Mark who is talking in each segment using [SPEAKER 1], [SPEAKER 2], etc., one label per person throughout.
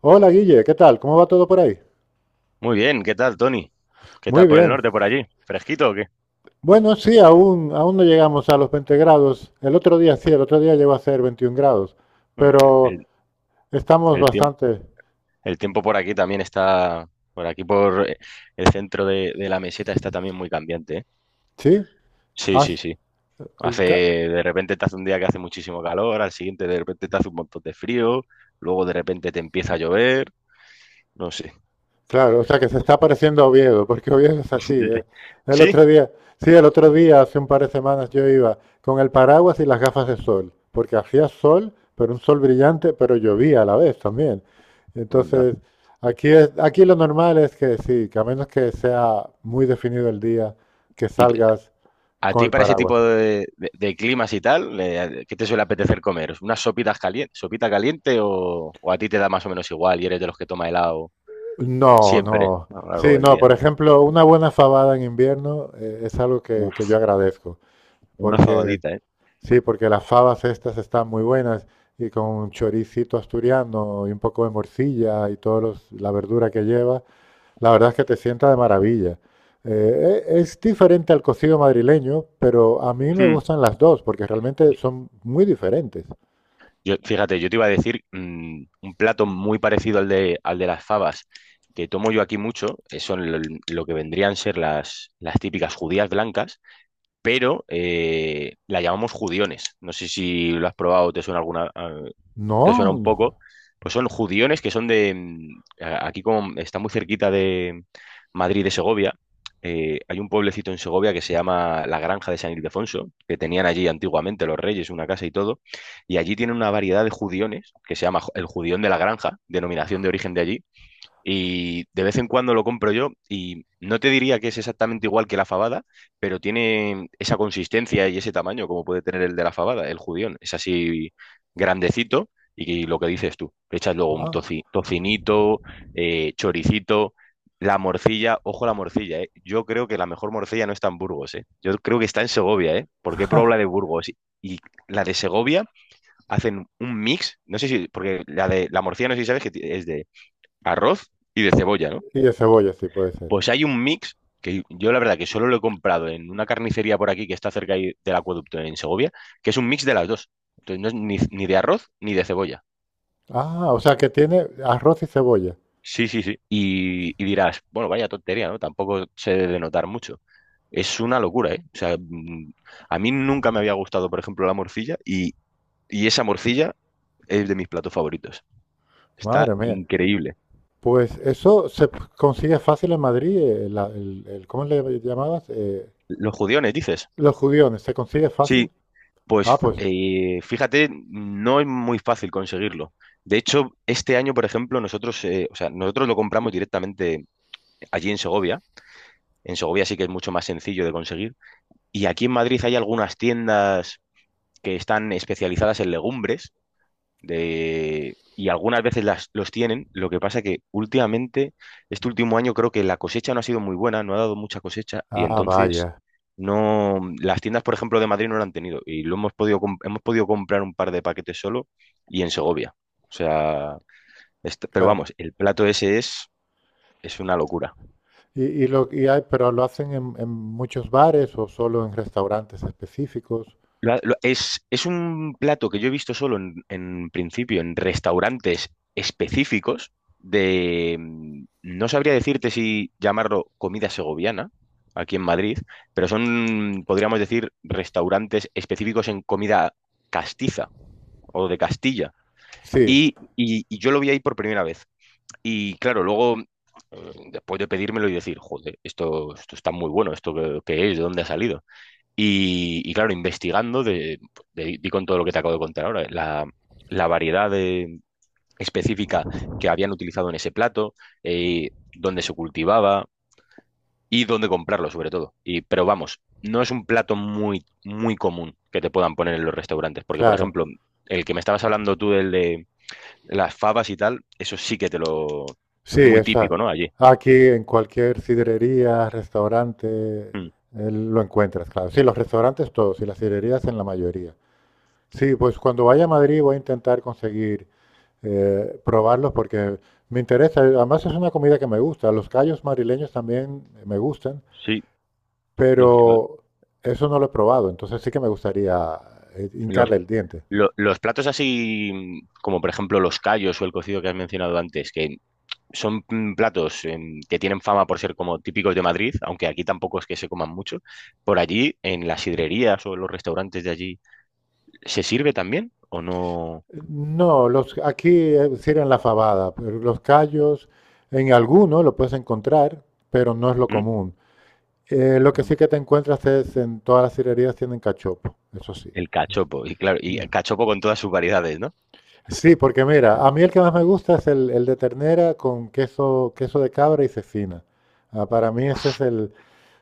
[SPEAKER 1] Hola Guille, ¿qué tal? ¿Cómo va todo por ahí?
[SPEAKER 2] Muy bien, ¿qué tal, Tony? ¿Qué
[SPEAKER 1] Muy
[SPEAKER 2] tal por el
[SPEAKER 1] bien.
[SPEAKER 2] norte, por allí? ¿Fresquito o qué?
[SPEAKER 1] Bueno, sí, aún no llegamos a los 20 grados. El otro día sí, el otro día llegó a ser 21 grados,
[SPEAKER 2] Bueno,
[SPEAKER 1] pero estamos
[SPEAKER 2] el tiemp-
[SPEAKER 1] bastante.
[SPEAKER 2] el tiempo por aquí también está, por aquí por el centro de la meseta está también muy cambiante, ¿eh?
[SPEAKER 1] ¿Sí?
[SPEAKER 2] Sí,
[SPEAKER 1] Ah, sí.
[SPEAKER 2] sí, sí. Hace,
[SPEAKER 1] Ca-
[SPEAKER 2] de repente te hace un día que hace muchísimo calor, al siguiente de repente te hace un montón de frío, luego de repente te empieza a llover, no sé.
[SPEAKER 1] Claro, o sea que se está pareciendo a Oviedo, porque Oviedo es así, ¿eh? El
[SPEAKER 2] Sí.
[SPEAKER 1] otro día, sí, el otro día, hace un par de semanas, yo iba con el paraguas y las gafas de sol, porque hacía sol, pero un sol brillante, pero llovía a la vez también.
[SPEAKER 2] Anda.
[SPEAKER 1] Entonces, aquí lo normal es que sí, que a menos que sea muy definido el día, que
[SPEAKER 2] ¿Y,
[SPEAKER 1] salgas
[SPEAKER 2] ¿A
[SPEAKER 1] con
[SPEAKER 2] ti
[SPEAKER 1] el
[SPEAKER 2] para ese tipo
[SPEAKER 1] paraguas.
[SPEAKER 2] de climas y tal, qué te suele apetecer comer? ¿Unas sopitas calientes, sopita caliente o a ti te da más o menos igual y eres de los que toma helado
[SPEAKER 1] No,
[SPEAKER 2] siempre
[SPEAKER 1] no.
[SPEAKER 2] a lo largo
[SPEAKER 1] Sí,
[SPEAKER 2] del
[SPEAKER 1] no,
[SPEAKER 2] día?
[SPEAKER 1] por ejemplo, una buena fabada en invierno es algo que
[SPEAKER 2] Uf,
[SPEAKER 1] yo agradezco,
[SPEAKER 2] una
[SPEAKER 1] porque
[SPEAKER 2] fabadita, ¿eh?
[SPEAKER 1] sí, porque las fabas estas están muy buenas y con un choricito asturiano y un poco de morcilla y toda la verdura que lleva, la verdad es que te sienta de maravilla. Es diferente al cocido madrileño, pero a mí me
[SPEAKER 2] Hmm.
[SPEAKER 1] gustan las dos porque realmente son muy diferentes.
[SPEAKER 2] Yo, fíjate, yo te iba a decir un plato muy parecido al de las fabas que tomo yo aquí mucho, son lo que vendrían a ser las típicas judías blancas, pero la llamamos judiones. No sé si lo has probado o te suena alguna, que suena
[SPEAKER 1] No,
[SPEAKER 2] un poco,
[SPEAKER 1] no.
[SPEAKER 2] pues son judiones que son de, aquí como está muy cerquita de Madrid de Segovia, hay un pueblecito en Segovia que se llama La Granja de San Ildefonso, que tenían allí antiguamente los reyes, una casa y todo, y allí tienen una variedad de judiones que se llama el judión de la granja, denominación de origen de allí, y de vez en cuando lo compro yo y no te diría que es exactamente igual que la fabada, pero tiene esa consistencia y ese tamaño como puede tener el de la fabada, el judión. Es así grandecito y lo que dices tú, le echas luego un
[SPEAKER 1] Ah,
[SPEAKER 2] tocinito, choricito, la morcilla, ojo a la morcilla, ¿eh? Yo creo que la mejor morcilla no está en Burgos, ¿eh? Yo creo que está en Segovia, ¿eh? Porque he probado la de Burgos y la de Segovia hacen un mix, no sé si, porque la de la morcilla no sé si sabes que es de arroz y de cebolla, ¿no?
[SPEAKER 1] y de cebolla sí puede ser.
[SPEAKER 2] Pues hay un mix que yo la verdad que solo lo he comprado en una carnicería por aquí que está cerca ahí del acueducto en Segovia, que es un mix de las dos. Entonces no es ni de arroz ni de cebolla.
[SPEAKER 1] Ah, o sea que tiene arroz y cebolla.
[SPEAKER 2] Sí, sí, sí. Y dirás, bueno, vaya tontería, ¿no? Tampoco se debe de notar mucho. Es una locura, ¿eh? O sea, mm, a mí nunca me había gustado, por ejemplo, la morcilla y esa morcilla es de mis platos favoritos.
[SPEAKER 1] Madre
[SPEAKER 2] Está
[SPEAKER 1] mía.
[SPEAKER 2] increíble.
[SPEAKER 1] Pues eso se consigue fácil en Madrid. ¿Cómo le llamabas?
[SPEAKER 2] Los judiones, dices.
[SPEAKER 1] Los judiones, ¿se consigue fácil?
[SPEAKER 2] Sí.
[SPEAKER 1] Ah,
[SPEAKER 2] Pues
[SPEAKER 1] pues.
[SPEAKER 2] fíjate, no es muy fácil conseguirlo. De hecho, este año, por ejemplo, nosotros, o sea, nosotros lo compramos directamente allí en Segovia. En Segovia sí que es mucho más sencillo de conseguir. Y aquí en Madrid hay algunas tiendas que están especializadas en legumbres y algunas veces los tienen. Lo que pasa que últimamente, este último año creo que la cosecha no ha sido muy buena, no ha dado mucha cosecha y
[SPEAKER 1] Ah,
[SPEAKER 2] entonces
[SPEAKER 1] vaya.
[SPEAKER 2] no, las tiendas, por ejemplo, de Madrid no lo han tenido y lo hemos hemos podido comprar un par de paquetes solo y en Segovia. O sea, pero
[SPEAKER 1] Claro.
[SPEAKER 2] vamos, el plato ese es una locura.
[SPEAKER 1] Pero lo hacen en muchos bares o solo en restaurantes específicos.
[SPEAKER 2] Es un plato que yo he visto solo en principio en restaurantes específicos de, mm, no sabría decirte si llamarlo comida segoviana aquí en Madrid, pero son, podríamos decir, restaurantes específicos en comida castiza o de Castilla.
[SPEAKER 1] Sí,
[SPEAKER 2] Y yo lo vi ahí por primera vez. Y claro, luego, después de pedírmelo y decir, joder, esto está muy bueno, esto que es, de dónde ha salido. Y claro, investigando, di con todo lo que te acabo de contar ahora, la variedad específica que habían utilizado en ese plato, dónde se cultivaba y dónde comprarlo, sobre todo. Y, pero vamos, no es un plato muy, muy común que te puedan poner en los restaurantes, porque, por
[SPEAKER 1] claro.
[SPEAKER 2] ejemplo, el que me estabas hablando tú, del de las favas y tal, eso sí que te lo...
[SPEAKER 1] Sí,
[SPEAKER 2] Muy
[SPEAKER 1] esa.
[SPEAKER 2] típico, ¿no? Allí.
[SPEAKER 1] Aquí en cualquier sidrería, restaurante, eh,
[SPEAKER 2] Mm,
[SPEAKER 1] lo encuentras, claro. Sí, los restaurantes todos y las sidrerías en la mayoría. Sí, pues cuando vaya a Madrid voy a intentar conseguir probarlos porque me interesa. Además es una comida que me gusta. Los callos madrileños también me gustan.
[SPEAKER 2] sí, los
[SPEAKER 1] pero eso no lo he probado, entonces sí que me gustaría hincarle el diente.
[SPEAKER 2] Los platos así, como por ejemplo los callos o el cocido que has mencionado antes, que son platos em, que tienen fama por ser como típicos de Madrid, aunque aquí tampoco es que se coman mucho, por allí, en las sidrerías o en los restaurantes de allí, ¿se sirve también o no?
[SPEAKER 1] No, aquí sirven la fabada, pero los callos en alguno lo puedes encontrar, pero no es lo
[SPEAKER 2] ¿Mm?
[SPEAKER 1] común. Lo que
[SPEAKER 2] No.
[SPEAKER 1] sí que te encuentras es en todas las cirerías tienen cachopo, eso sí.
[SPEAKER 2] El cachopo, y claro, y el cachopo con todas sus variedades, ¿no?
[SPEAKER 1] Sí, porque mira, a mí el que más me gusta es el de ternera con queso, queso de cabra y cecina. Ah, para mí ese es.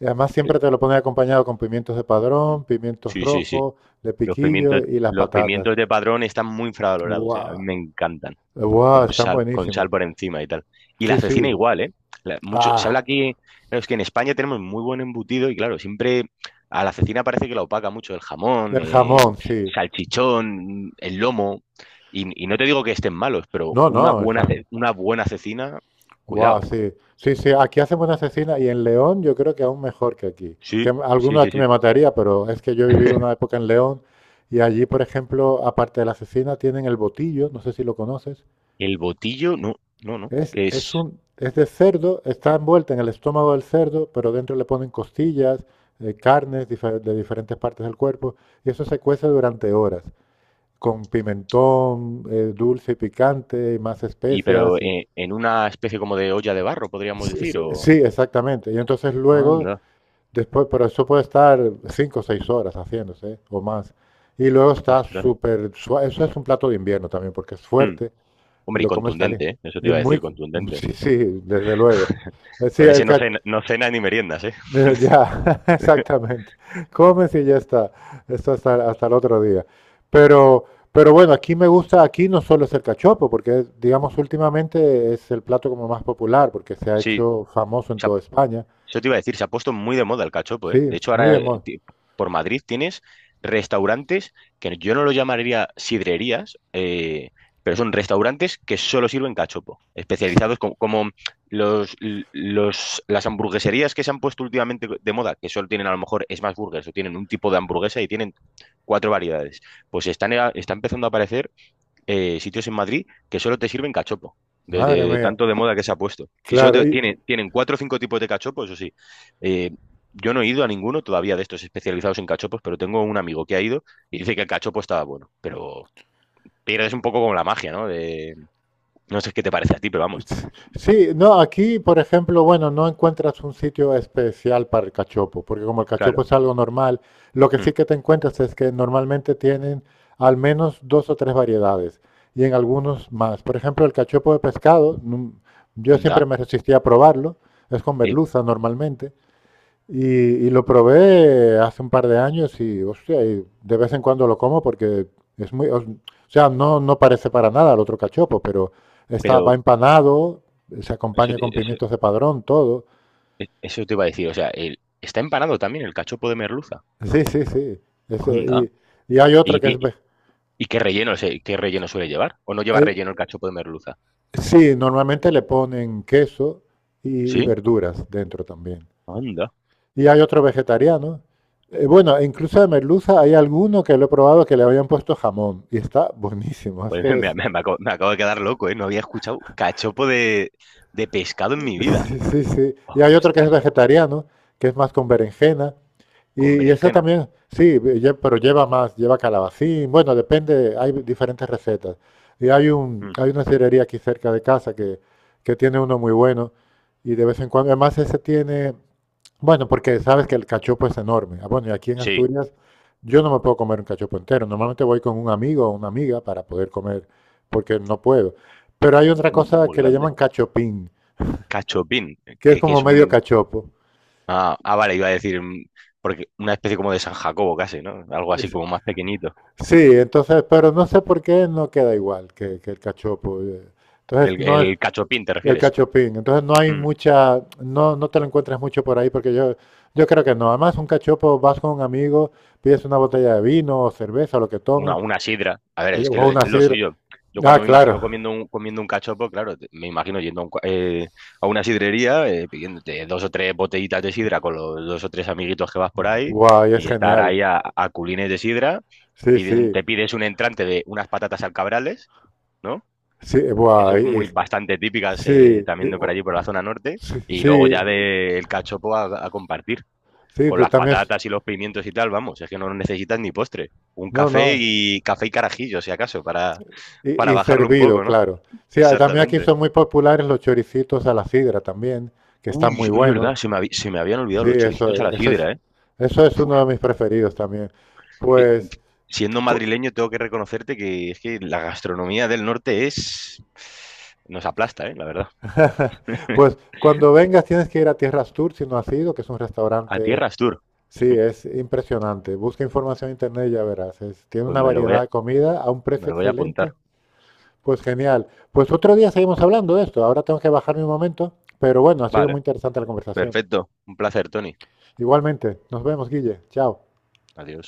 [SPEAKER 1] Y además siempre
[SPEAKER 2] El-
[SPEAKER 1] te lo ponen acompañado con pimientos de
[SPEAKER 2] Mm.
[SPEAKER 1] padrón, pimientos
[SPEAKER 2] Sí, sí, sí.
[SPEAKER 1] rojos, de
[SPEAKER 2] Los
[SPEAKER 1] piquillo
[SPEAKER 2] pimientos,
[SPEAKER 1] y las
[SPEAKER 2] los
[SPEAKER 1] patatas.
[SPEAKER 2] pimientos de Padrón están muy infravalorados, ¿eh? A mí
[SPEAKER 1] ¡Guau!
[SPEAKER 2] me encantan.
[SPEAKER 1] ¡Guau!
[SPEAKER 2] Con
[SPEAKER 1] Están
[SPEAKER 2] sal, con
[SPEAKER 1] buenísimos.
[SPEAKER 2] sal por encima y tal. Y la
[SPEAKER 1] Sí,
[SPEAKER 2] cecina
[SPEAKER 1] sí.
[SPEAKER 2] igual, ¿eh? Mucho, se habla
[SPEAKER 1] ¡Ah!
[SPEAKER 2] aquí, claro, es que en España tenemos muy buen embutido y claro, siempre a la cecina parece que la opaca mucho el jamón,
[SPEAKER 1] El jamón, sí.
[SPEAKER 2] salchichón, el lomo. Y no te digo que estén malos, pero
[SPEAKER 1] No,
[SPEAKER 2] una
[SPEAKER 1] no,
[SPEAKER 2] buena,
[SPEAKER 1] está.
[SPEAKER 2] una buena cecina,
[SPEAKER 1] ¡Guau!
[SPEAKER 2] cuidado.
[SPEAKER 1] Sí. Sí, sí. Aquí hacen buena cecina y en León yo creo que aún mejor que aquí. Que
[SPEAKER 2] Sí, sí,
[SPEAKER 1] alguno
[SPEAKER 2] sí,
[SPEAKER 1] aquí
[SPEAKER 2] sí.
[SPEAKER 1] me mataría, pero es que yo he vivido una época en León y allí, por ejemplo, aparte de la cecina, tienen el botillo, no sé si lo conoces.
[SPEAKER 2] El botillo, no, no, no,
[SPEAKER 1] Es,
[SPEAKER 2] que
[SPEAKER 1] es
[SPEAKER 2] es...
[SPEAKER 1] es de cerdo, está envuelta en el estómago del cerdo, pero dentro le ponen costillas, carnes de diferentes partes del cuerpo, y eso se cuece durante horas, con pimentón dulce y picante, y más
[SPEAKER 2] Y pero
[SPEAKER 1] especias. y-
[SPEAKER 2] en una especie como de olla de barro, podríamos
[SPEAKER 1] sí,
[SPEAKER 2] decir,
[SPEAKER 1] sí,
[SPEAKER 2] o...
[SPEAKER 1] sí, exactamente. Y entonces luego,
[SPEAKER 2] Anda,
[SPEAKER 1] después, pero eso puede estar 5 o 6 horas haciéndose, ¿eh? O más. Y luego está
[SPEAKER 2] ostras.
[SPEAKER 1] súper suave. Eso es un plato de invierno también, porque es
[SPEAKER 2] Mm.
[SPEAKER 1] fuerte. Y
[SPEAKER 2] Hombre, y
[SPEAKER 1] lo comes caliente.
[SPEAKER 2] contundente, ¿eh? Eso te
[SPEAKER 1] Y
[SPEAKER 2] iba a decir, contundente.
[SPEAKER 1] sí, sí, desde luego. Sí,
[SPEAKER 2] Con ese no cena, no cena ni meriendas, ¿eh?
[SPEAKER 1] ya, exactamente. Comes y ya está. Esto hasta el otro día. Pero, pero bueno, aquí me gusta, aquí no solo es el cachopo, porque digamos últimamente es el plato como más popular, porque se ha
[SPEAKER 2] Sí,
[SPEAKER 1] hecho famoso en
[SPEAKER 2] se ha-
[SPEAKER 1] toda España.
[SPEAKER 2] eso te iba a decir, se ha puesto muy de moda el cachopo, ¿eh?
[SPEAKER 1] Sí,
[SPEAKER 2] De hecho,
[SPEAKER 1] muy
[SPEAKER 2] ahora
[SPEAKER 1] de moda.
[SPEAKER 2] por Madrid tienes restaurantes que yo no los llamaría sidrerías, pero son restaurantes que solo sirven cachopo, especializados como, los, las hamburgueserías que se han puesto últimamente de moda, que solo tienen a lo mejor smash burgers o tienen un tipo de hamburguesa y tienen cuatro variedades. Pues están, está empezando a aparecer sitios en Madrid que solo te sirven cachopo,
[SPEAKER 1] Madre
[SPEAKER 2] de
[SPEAKER 1] mía.
[SPEAKER 2] tanto de moda que se ha puesto. Y solo
[SPEAKER 1] Claro, y,
[SPEAKER 2] tienen, tienen cuatro o cinco tipos de cachopo, eso sí. Eh, yo no he ido a ninguno todavía de estos especializados en cachopos, pero tengo un amigo que ha ido y dice que el cachopo estaba bueno, pero pierdes un poco como la magia, ¿no? De, no sé qué te parece a ti, pero vamos,
[SPEAKER 1] Sí, no, aquí, por ejemplo, bueno, no encuentras un sitio especial para el cachopo, porque como el cachopo
[SPEAKER 2] claro.
[SPEAKER 1] es algo normal, lo que sí
[SPEAKER 2] Mm.
[SPEAKER 1] que te encuentras es que normalmente tienen al menos dos o tres variedades y en algunos más. Por ejemplo, el cachopo de pescado, yo siempre
[SPEAKER 2] Anda,
[SPEAKER 1] me resistía a probarlo, es con
[SPEAKER 2] eh,
[SPEAKER 1] merluza normalmente, y, y lo probé hace un par de años y, hostia, y de vez en cuando lo como porque es muy, o sea, no, no parece para nada al otro cachopo, pero va
[SPEAKER 2] pero
[SPEAKER 1] empanado, se
[SPEAKER 2] eso,
[SPEAKER 1] acompaña
[SPEAKER 2] te-
[SPEAKER 1] con
[SPEAKER 2] eso,
[SPEAKER 1] pimientos de padrón, todo.
[SPEAKER 2] eso te iba a decir, o sea, está empanado también el cachopo de merluza.
[SPEAKER 1] Sí, sí, sí.
[SPEAKER 2] Anda.
[SPEAKER 1] Ese- y hay otro
[SPEAKER 2] ¿Y,
[SPEAKER 1] que
[SPEAKER 2] ti-
[SPEAKER 1] es,
[SPEAKER 2] ¿y qué relleno, o qué relleno suele llevar? ¿O no lleva
[SPEAKER 1] eh,
[SPEAKER 2] relleno el cachopo de merluza?
[SPEAKER 1] sí, normalmente le ponen queso y, y
[SPEAKER 2] ¿Sí?
[SPEAKER 1] verduras dentro también.
[SPEAKER 2] Anda.
[SPEAKER 1] Y hay otro vegetariano. Bueno, incluso de merluza hay alguno que lo he probado que le habían puesto jamón y está buenísimo.
[SPEAKER 2] Joder, me acabo de quedar loco, ¿eh? No había escuchado cachopo de pescado en mi vida.
[SPEAKER 1] Sí, sí, sí. Y hay otro que es
[SPEAKER 2] Ostras,
[SPEAKER 1] vegetariano, que es más con berenjena. Y,
[SPEAKER 2] con
[SPEAKER 1] y ese
[SPEAKER 2] berenjena.
[SPEAKER 1] también, sí, pero lleva más, lleva calabacín. Bueno, depende, hay diferentes recetas. Y hay un,
[SPEAKER 2] Mm,
[SPEAKER 1] hay una sidrería aquí cerca de casa que tiene uno muy bueno. Y de vez en cuando, además ese tiene, bueno, porque sabes que el cachopo es enorme. Ah, bueno, y aquí en
[SPEAKER 2] sí,
[SPEAKER 1] Asturias yo no me puedo comer un cachopo entero. Normalmente voy con un amigo o una amiga para poder comer, porque no puedo. Pero hay otra
[SPEAKER 2] es
[SPEAKER 1] cosa
[SPEAKER 2] muy
[SPEAKER 1] que le
[SPEAKER 2] grande.
[SPEAKER 1] llaman cachopín
[SPEAKER 2] Cachopín,
[SPEAKER 1] que es
[SPEAKER 2] que
[SPEAKER 1] como
[SPEAKER 2] es
[SPEAKER 1] medio
[SPEAKER 2] un...
[SPEAKER 1] cachopo.
[SPEAKER 2] Ah, ah, vale, iba a decir, mm, porque una especie como de San Jacobo casi, ¿no? Algo así como más pequeñito.
[SPEAKER 1] Sí, entonces, pero no sé por qué no queda igual que el cachopo. Entonces, no es
[SPEAKER 2] El cachopín, ¿te
[SPEAKER 1] el
[SPEAKER 2] refieres?
[SPEAKER 1] cachopín. Entonces, no hay
[SPEAKER 2] Mm.
[SPEAKER 1] mucha, no, no te lo encuentras mucho por ahí, porque yo creo que no. Además, un cachopo, vas con un amigo, pides una botella de vino o cerveza, o lo que tomes,
[SPEAKER 2] Una sidra. A ver, es que
[SPEAKER 1] o una
[SPEAKER 2] lo
[SPEAKER 1] sidra.
[SPEAKER 2] suyo. Yo
[SPEAKER 1] Ah,
[SPEAKER 2] cuando me
[SPEAKER 1] claro.
[SPEAKER 2] imagino comiendo un cachopo, claro, me imagino yendo a, un a una sidrería, pidiéndote dos o tres botellitas de sidra con los dos o tres amiguitos que vas por ahí
[SPEAKER 1] Guay, es
[SPEAKER 2] y estar
[SPEAKER 1] genial.
[SPEAKER 2] ahí a culines de sidra.
[SPEAKER 1] Sí, sí.
[SPEAKER 2] Te pides un entrante de unas patatas al cabrales, ¿no?
[SPEAKER 1] Sí,
[SPEAKER 2] Eso es
[SPEAKER 1] guay.
[SPEAKER 2] muy bastante típicas
[SPEAKER 1] Sí,
[SPEAKER 2] también de por allí, por la zona norte.
[SPEAKER 1] sí,
[SPEAKER 2] Y luego ya
[SPEAKER 1] sí,
[SPEAKER 2] del cachopo a compartir
[SPEAKER 1] sí,
[SPEAKER 2] con
[SPEAKER 1] tú
[SPEAKER 2] las
[SPEAKER 1] también.
[SPEAKER 2] patatas y los pimientos y tal, vamos, es que no necesitas ni postre. Un
[SPEAKER 1] No,
[SPEAKER 2] café
[SPEAKER 1] no.
[SPEAKER 2] y café y carajillo, si acaso,
[SPEAKER 1] Y,
[SPEAKER 2] para
[SPEAKER 1] y
[SPEAKER 2] bajarlo un
[SPEAKER 1] servido,
[SPEAKER 2] poco, ¿no?
[SPEAKER 1] claro. Sí, ah, también aquí
[SPEAKER 2] Exactamente.
[SPEAKER 1] son muy populares los choricitos a la sidra también, que están
[SPEAKER 2] Uy,
[SPEAKER 1] muy
[SPEAKER 2] es
[SPEAKER 1] buenos.
[SPEAKER 2] verdad, se me habían olvidado
[SPEAKER 1] Sí,
[SPEAKER 2] los
[SPEAKER 1] eso,
[SPEAKER 2] choricitos a la
[SPEAKER 1] e- eso es,
[SPEAKER 2] sidra, ¿eh?
[SPEAKER 1] eso es
[SPEAKER 2] Uf,
[SPEAKER 1] uno de mis preferidos también.
[SPEAKER 2] es que
[SPEAKER 1] Pues,
[SPEAKER 2] siendo
[SPEAKER 1] cu-
[SPEAKER 2] madrileño tengo que reconocerte que es que la gastronomía del norte es... nos aplasta, ¿eh? La verdad.
[SPEAKER 1] pues cuando vengas tienes que ir a Tierras Tour si no has ido, que es un
[SPEAKER 2] A
[SPEAKER 1] restaurante,
[SPEAKER 2] Tierras Tour,
[SPEAKER 1] sí, es impresionante. Busca información en internet y ya verás. Tiene
[SPEAKER 2] pues
[SPEAKER 1] una
[SPEAKER 2] me lo voy
[SPEAKER 1] variedad
[SPEAKER 2] a,
[SPEAKER 1] de comida a un
[SPEAKER 2] me
[SPEAKER 1] precio
[SPEAKER 2] lo voy a
[SPEAKER 1] excelente.
[SPEAKER 2] apuntar.
[SPEAKER 1] Pues genial. Pues otro día seguimos hablando de esto. Ahora tengo que bajarme un momento, pero bueno, ha sido muy
[SPEAKER 2] Vale,
[SPEAKER 1] interesante la conversación.
[SPEAKER 2] perfecto. Un placer, Tony.
[SPEAKER 1] Igualmente, nos vemos, Guille. Chao.
[SPEAKER 2] Adiós.